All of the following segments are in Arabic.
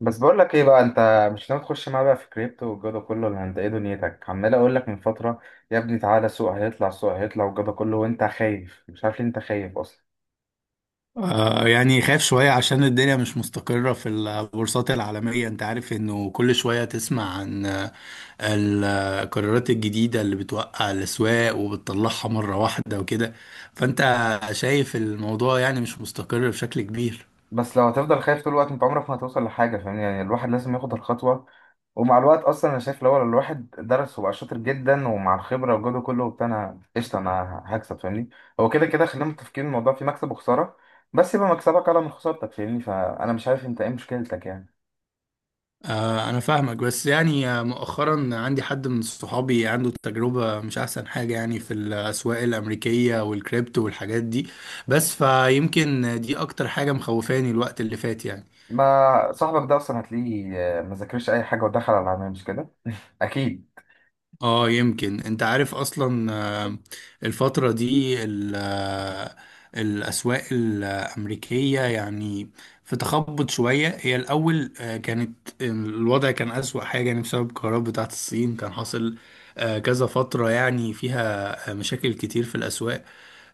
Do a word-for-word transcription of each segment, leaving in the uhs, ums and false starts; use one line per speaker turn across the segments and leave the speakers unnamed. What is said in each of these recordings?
بس بقول لك ايه بقى، انت مش ناوي تخش معايا بقى في كريبتو والجو ده كله، ولا انت ايه دنيتك؟ عمال اقول لك من فتره يا ابني، تعالى. السوق هيطلع، السوق هيطلع والجو ده كله وانت خايف، مش عارف ليه انت خايف اصلا.
آه، يعني خايف شوية عشان الدنيا مش مستقرة في البورصات العالمية. انت عارف انه كل شوية تسمع عن آه، القرارات الجديدة اللي بتوقع الأسواق وبتطلعها مرة واحدة وكده. فانت شايف الموضوع يعني مش مستقر بشكل كبير.
بس لو هتفضل خايف طول الوقت انت عمرك ما هتوصل لحاجه، فاهم؟ يعني الواحد لازم ياخد الخطوه. ومع الوقت اصلا انا شايف لو الواحد درس وبقى شاطر جدا ومع الخبره والجو ده كله وبتاع، انا قشطه، انا هكسب، فاهمني؟ هو كده كده خلينا متفقين، الموضوع فيه مكسب وخساره، بس يبقى مكسبك اعلى من خسارتك، فاهمني؟ فانا مش عارف انت ايه مشكلتك يعني.
آه، انا فاهمك بس يعني آه، مؤخرا عندي حد من صحابي عنده تجربة مش احسن حاجة يعني في الأسواق الأمريكية والكريبتو والحاجات دي. بس فيمكن دي اكتر حاجة مخوفاني الوقت اللي فات يعني.
ما صاحبك ده اصلا هتلاقيه، آه، ما ذاكرش اي حاجه ودخل على العناية، مش كده؟ اكيد.
اه يمكن انت عارف اصلا آه، الفترة دي ال- آه، الاسواق الامريكية يعني في تخبط شوية. هي الاول آه، كانت الوضع كان اسوأ حاجة يعني بسبب القرارات بتاعت الصين. كان حاصل آه، كذا فترة يعني فيها آه، مشاكل كتير في الاسواق.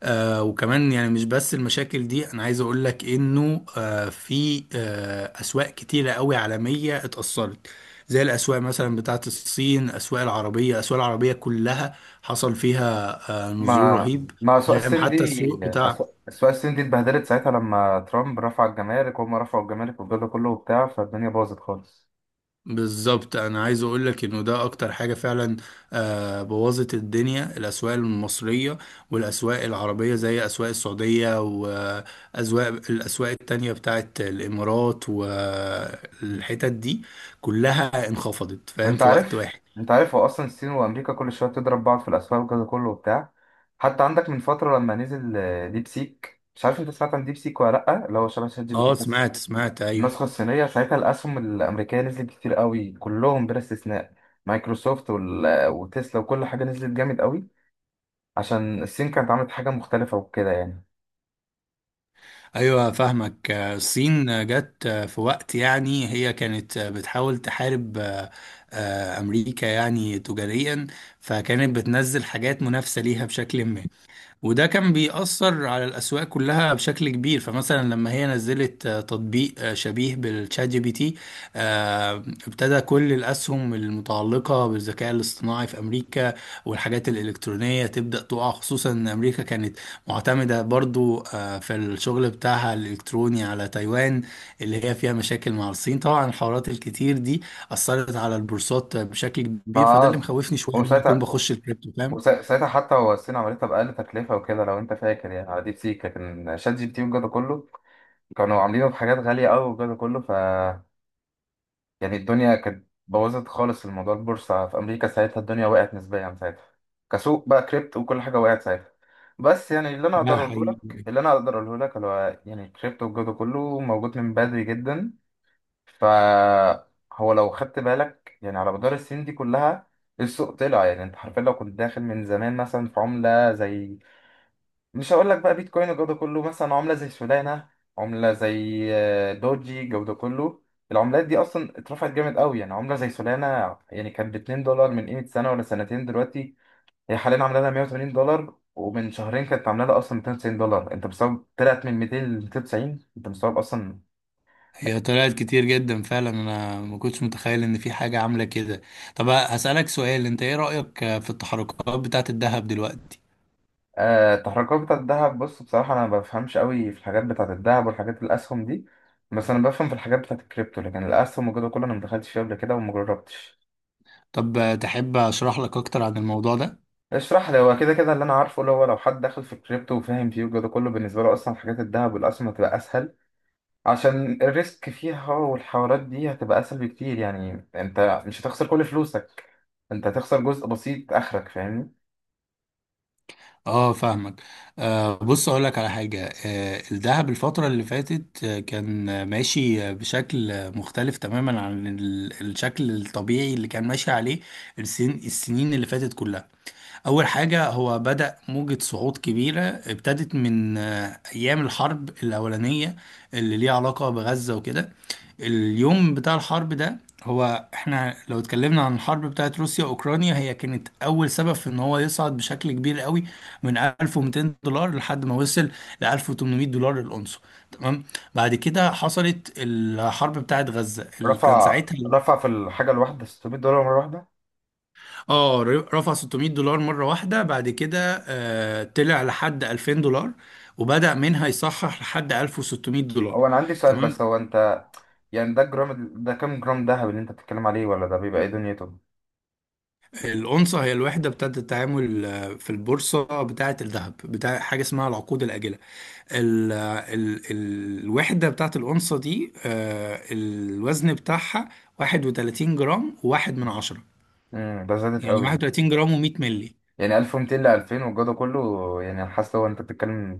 آه وكمان يعني مش بس المشاكل دي انا عايز اقول لك انه آه في آه اسواق كتيره قوي عالميه اتاثرت زي الاسواق مثلا بتاعه الصين. اسواق العربيه الاسواق العربيه كلها حصل فيها آه نزول
ما
رهيب.
ما اسواق
يعني
الصين دي،
حتى السوق بتاع.
أسواق أسواق الصين دي اتبهدلت ساعتها لما ترامب رفع الجمارك وهم رفعوا الجمارك والجو ده كله وبتاع، فالدنيا باظت خالص.
بالظبط انا عايز اقول لك انه ده اكتر حاجه فعلا آه، بوظت الدنيا الاسواق المصريه والاسواق العربيه زي اسواق السعوديه واسواق الاسواق التانية بتاعت الامارات
م.
والحتت دي كلها انخفضت فاهم
انت
في وقت
عارف،
واحد.
انت عارف هو اصلا الصين وامريكا كل شويه بتضرب بعض في الاسواق والجو ده كله وبتاع. حتى عندك من فتره لما نزل آه، ديب سيك، مش عارف انت سمعت عن ديب سيك ولا لا؟ اللي هو شبه شات جي بي تي
اه
بس
سمعت سمعت ايوه.
النسخة الصينية. ساعتها الأسهم الأمريكية نزلت كتير قوي، كلهم بلا استثناء، مايكروسوفت وال- وتسلا وكل حاجة نزلت جامد قوي، عشان الصين كانت عملت حاجة مختلفة وكده يعني.
ايوه فاهمك آه، الصين آه، جت آه، في وقت يعني هي كانت آه، بتحاول تحارب آه، آه، امريكا يعني تجاريا. فكانت بتنزل حاجات منافسه ليها بشكل ما. وده كان بيأثر على الأسواق كلها بشكل كبير. فمثلا لما هي نزلت آه، تطبيق آه، شبيه بالشات جي بي تي آه، ابتدى كل الأسهم المتعلقة بالذكاء الاصطناعي في أمريكا والحاجات الإلكترونية تبدأ تقع. خصوصا إن أمريكا كانت معتمدة برضو آه، في الشغل بتاعها الإلكتروني على تايوان اللي هي فيها مشاكل مع الصين. طبعا الحوارات الكتير دي أثرت على البورصات بشكل كبير فده اللي
ما
مخوفني شوية إن أنا أكون
وساعتها،
بخش الكريبتو فاهم.
وساعتها حتى هو الصين عملتها بأقل تكلفة وكده، لو أنت فاكر يعني على ديب سيك، لكن شات جي بي تي والجو ده كله كانوا عاملينه بحاجات غالية أوي والجو ده كله. يعني الدنيا كانت بوظت خالص الموضوع، البورصة في أمريكا ساعتها الدنيا وقعت نسبيا ساعتها، كسوق بقى كريبتو وكل حاجة وقعت ساعتها. بس يعني اللي أنا
ده
أقدر أقوله لك
حقيقي.
اللي أنا أقدر أقوله لك اللي هو يعني الكريبتو والجو ده كله موجود من بدري جدا. فهو لو خدت بالك يعني على مدار السنين دي كلها، السوق طلع. يعني أنت حرفيا لو كنت داخل من زمان مثلا في عملة زي، مش هقول لك بقى بيتكوين والجو ده كله، مثلا عملة زي سولانا، عملة زي آه، دوجي الجو ده كله، العملات دي اصلا اترفعت جامد قوي. يعني عملة زي سولانا يعني كانت ب اتنين دولار من قيمة سنة ولا سنتين، دلوقتي هي حاليا عاملة لها مية وتمانين دولار، ومن شهرين كانت عاملة لها اصلا مئتين وتسعين دولار. انت مستوعب؟ طلعت من مئتين ل مئتين وتسعين، انت مستوعب اصلا؟
هي طلعت كتير جدا فعلا انا ما كنتش متخيل ان في حاجة عاملة كده. طب هسألك سؤال انت ايه رأيك في التحركات بتاعة الذهب دلوقتي؟
آه، التحركات بتاعت الذهب. بص بصراحة انا ما بفهمش قوي في الحاجات بتاعت الذهب والحاجات الاسهم دي، بس انا بفهم في الحاجات بتاعت الكريبتو. لكن الاسهم والجو ده كله انا ما دخلتش فيه قبل كده وما جربتش.
طب تحب اشرح لك اكتر عن الموضوع ده؟
اشرح لي. هو كده كده اللي انا عارفه اللي هو لو حد داخل في الكريبتو وفاهم فيه والجو ده كله، بالنسبه له اصلا حاجات الذهب والاسهم هتبقى اسهل، عشان الريسك فيها والحوارات دي هتبقى اسهل بكتير. يعني انت مش هتخسر كل فلوسك، انت هتخسر جزء بسيط اخرك، فاهمني؟
اه فاهمك. آه بص اقول لك على حاجة. آه الذهب الفترة اللي فاتت آه، كان آه، ماشي آه، بشكل آه، مختلف تماما عن ال- الشكل الطبيعي اللي كان ماشي عليه السن السنين اللي فاتت كلها. أول حاجة هو بدأ موجة صعود كبيرة ابتدت من آه، أيام الحرب الأولانية اللي ليها علاقة بغزة وكده. اليوم بتاع الحرب ده هو احنا لو اتكلمنا عن الحرب بتاعت روسيا وأوكرانيا هي كانت أول سبب في إن هو يصعد بشكل كبير قوي من ألف ومتين دولار لحد ما وصل ل ألف وثمانمئة دولار الأونصة. تمام. بعد كده حصلت الحرب بتاعت غزة اللي كان
رفع
ساعتها.
رفع في الحاجه الواحده ستمية دولار مره واحده.
اه. رفع ستمئة دولار مرة واحدة بعد كده آه طلع لحد ألفين دولار وبدأ منها يصحح لحد ألف وستمئة دولار.
هو انا عندي سؤال
تمام.
بس، هو انت يعني ده جرام؟ ده كام جرام دهب اللي انت بتتكلم عليه؟ ولا ده بيبقى ايه دنيته؟
الأونصة هي الوحدة بتاعة التعامل آه، في البورصة بتاعة الذهب بتاع حاجة اسمها العقود الآجلة. ال ال ال الوحدة بتاعة الأونصة دي آه الوزن بتاعها واحد وثلاثين جرام وواحد من عشرة.
امم ده زادت
يعني
قوي
واحد وثلاثين جرام و100 مللي.
يعني، ألف ومئتين ل ألفين والجو ده كله، يعني حاسس هو انت بتتكلم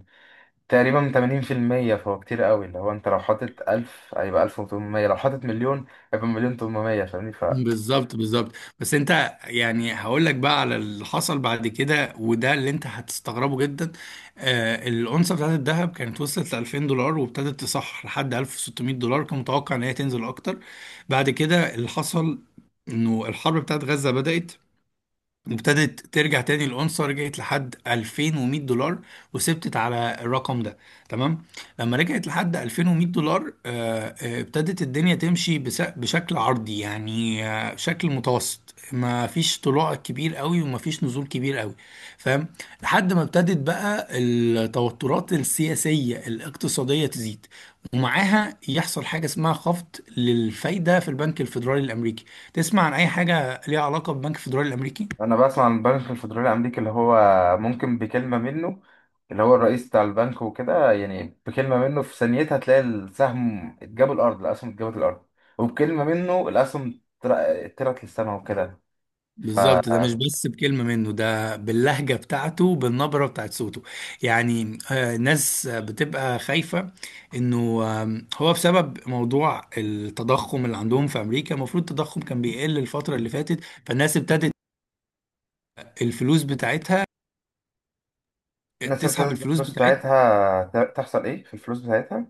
تقريبا تمانين في المية، فهو كتير قوي. اللي هو انت لو حاطط ألف هيبقى ألف وتمنمية، لو حاطط مليون هيبقى مليون تمنمية، فاهمني؟ فانا
بالظبط بالظبط. بس انت يعني هقول لك بقى على اللي حصل بعد كده وده اللي انت هتستغربه جدا. آه الأونصة بتاعت الذهب كانت وصلت ل ألفين دولار وابتدت تصح لحد ألف وستمية دولار. كان متوقع ان هي تنزل اكتر. بعد كده اللي حصل انه الحرب بتاعت غزة بدأت. ابتدت ترجع تاني الأونصة رجعت لحد ألفين ومئة دولار وثبتت على الرقم ده. تمام. لما رجعت لحد ألفين ومية دولار آه، آه، ابتدت الدنيا تمشي بس- بشكل عرضي يعني آه، شكل متوسط ما فيش طلوع كبير قوي وما فيش نزول كبير قوي فاهم. لحد ما ابتدت بقى التوترات السياسية الاقتصادية تزيد ومعاها يحصل حاجة اسمها خفض للفايدة في البنك الفيدرالي الأمريكي. تسمع عن أي حاجة ليها علاقة بالبنك الفيدرالي الأمريكي؟
بسمع عن البنك الفيدرالي الامريكي، اللي هو ممكن بكلمة منه، اللي هو الرئيس بتاع البنك وكده يعني، بكلمة منه في ثانيتها تلاقي السهم اتجاب الارض، الاسهم اتجابت الارض، وبكلمة منه الاسهم طر- طلعت للسما وكده.
بالظبط. ده
فالناس
مش بس بكلمة منه ده باللهجة بتاعته بالنبرة بتاعت صوته. يعني آه، ناس آه، بتبقى خايفة انه آم، هو بسبب موضوع التضخم اللي عندهم في امريكا. المفروض التضخم كان بيقل الفترة اللي فاتت. فالناس ابتدت الفلوس بتاعتها
ابتدت
تسحب الفلوس
الفلوس
بتاعتها.
بتاعتها، ت- تحصل ايه في الفلوس بتاعتها؟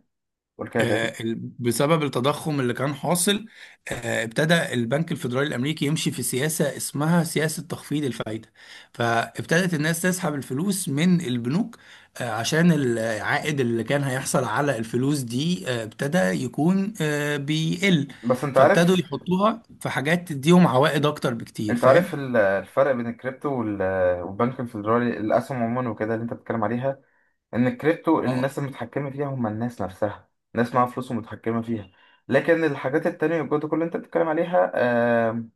قول كده
آه،
تاني.
ال- بسبب التضخم اللي كان حاصل آه، ابتدى البنك الفيدرالي الامريكي يمشي في سياسه اسمها سياسه تخفيض الفائده. فابتدت الناس تسحب الفلوس من البنوك آه، عشان العائد اللي كان هيحصل على الفلوس دي آه، ابتدى يكون آه، بيقل.
بس انت
فابتدوا
عارف،
يحطوها في حاجات تديهم عوائد اكتر بكتير
انت
فاهم.
عارف ال- الفرق بين الكريبتو وال- والبنك الفيدرالي، الاسهم عموما وكده اللي انت بتتكلم عليها، ان الكريبتو الناس المتحكمه فيها هم الناس نفسها، ناس معاها فلوس ومتحكمه فيها. لكن الحاجات التانية والجودة كل اللي انت بتتكلم عليها، آم،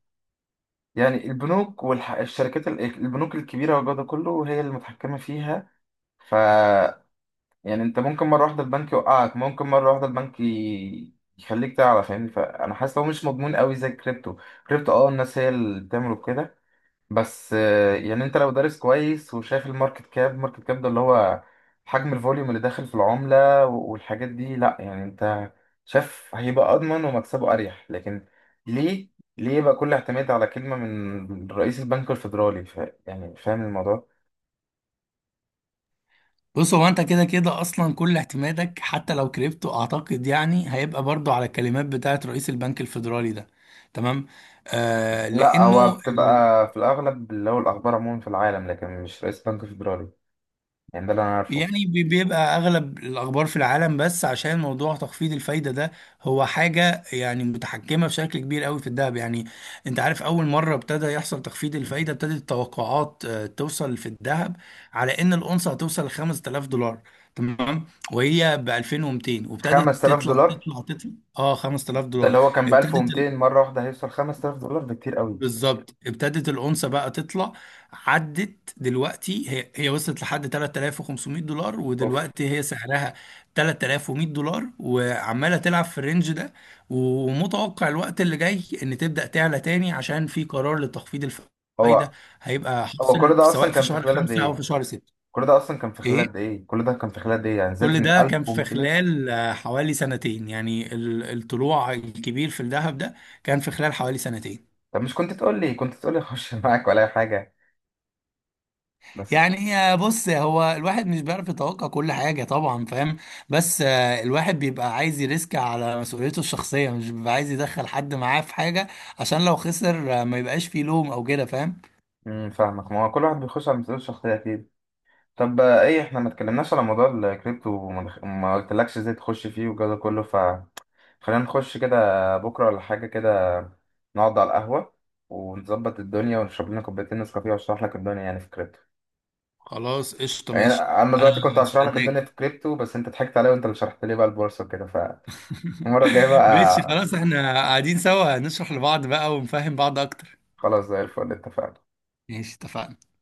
يعني البنوك والشركات، البنوك الكبيرة والجودة كله هي اللي متحكمة فيها. ف يعني انت ممكن مرة واحدة البنك يوقعك، ممكن مرة واحدة البنك ي- يخليك تعلى، فاهمني؟ فانا حاسس لو مش مضمون قوي زي الكريبتو. كريبتو اه الناس هي اللي بتعمله كده. بس آه، يعني انت لو دارس كويس وشايف الماركت كاب، الماركت كاب ده اللي هو حجم الفوليوم اللي داخل في العملة و- والحاجات دي، لا يعني انت شايف هيبقى اضمن ومكسبه اريح. لكن ليه ليه يبقى كل اعتماد على كلمة من رئيس البنك الفيدرالي؟ فا- يعني فاهم الموضوع.
بص هو انت كده كده اصلا كل اعتمادك حتى لو كريبتو اعتقد يعني هيبقى برضو على الكلمات بتاعت رئيس البنك الفيدرالي ده. تمام. آه
لا، هو
لانه بالظبط.
بتبقى في الاغلب اللي هو الاخبار عموما في العالم، لكن مش رئيس البنك الفيدرالي، يعني ده اللي انا عارفه.
يعني بي- بيبقى اغلب الاخبار في العالم بس عشان موضوع تخفيض الفايده ده هو حاجه يعني متحكمه بشكل كبير قوي في الذهب. يعني انت عارف اول مره ابتدى يحصل تخفيض الفايده ابتدت التوقعات آه، توصل في الذهب على ان الاونصه هتوصل ل خمستلاف دولار. تمام. وهي ب ألفين ومئتين وابتدت
5000
تطلع
دولار
تطلع تطلع. اه 5000
ده
دولار
اللي هو كان ب
ابتدت
ألف ومئتين، مرة واحدة هيوصل خمسة آلاف دولار؟ بكتير قوي.
بالظبط ابتدت الأونصة بقى تطلع. عدت دلوقتي هي هي وصلت لحد ثلاثة آلاف وخمسمئة دولار
اوف.
ودلوقتي هي سعرها ثلاثة آلاف ومئة دولار وعمالة تلعب في الرينج ده. ومتوقع الوقت اللي جاي ان تبدأ تعلى تاني عشان في قرار لتخفيض الفايدة
هو
هيبقى
هو كل
حاصل في-
ده
سواء
اصلا
في
كان في
شهر
خلال قد
خمسة او في
ايه
شهر ستة.
كل ده اصلا كان في خلال قد
ايه.
ايه كل ده كان في خلال قد ايه؟ يعني
كل
زادت من
ده كان في
ألف ومئتين.
خلال آه، حوالي سنتين يعني ال- الطلوع الكبير في الذهب ده كان في خلال حوالي سنتين.
طب مش كنت تقول لي كنت تقول لي اخش معاك ولا اي حاجه؟ بس
يعني هي بص هو الواحد مش بيعرف يتوقع كل حاجة طبعا فاهم. بس آه، الواحد بيبقى عايز يريسك على مسؤوليته الشخصية مش بيبقى عايز يدخل حد معاه في حاجة عشان لو خسر آه، ما يبقاش فيه لوم او كده فاهم.
امم فاهمك. ما هو كل واحد بيخش على مسؤوليته الشخصيه اكيد. طب آه، ايه احنا ما اتكلمناش على موضوع الكريبتو، وما دخ- ما قلتلكش ازاي تخش فيه والجو ده كله، فخلينا نخش كده بكره ولا حاجه كده، نقعد على القهوه ونظبط الدنيا ونشرب لنا كوبايتين نسكافيه واشرح لك الدنيا يعني في كريبتو.
خلاص قشطة
يعني
ماشي.
انا
أنا
دلوقتي كنت هشرح لك
استناك.
الدنيا في كريبتو بس انت ضحكت عليا وانت اللي شرحت لي بقى البورصه وكده. المرة الجاية
ماشي
بقى.
خلاص احنا قاعدين سوا نشرح لبعض بقى ونفهم بعض أكتر.
خلاص، زي الفل، اتفقنا.
ماشي اتفقنا.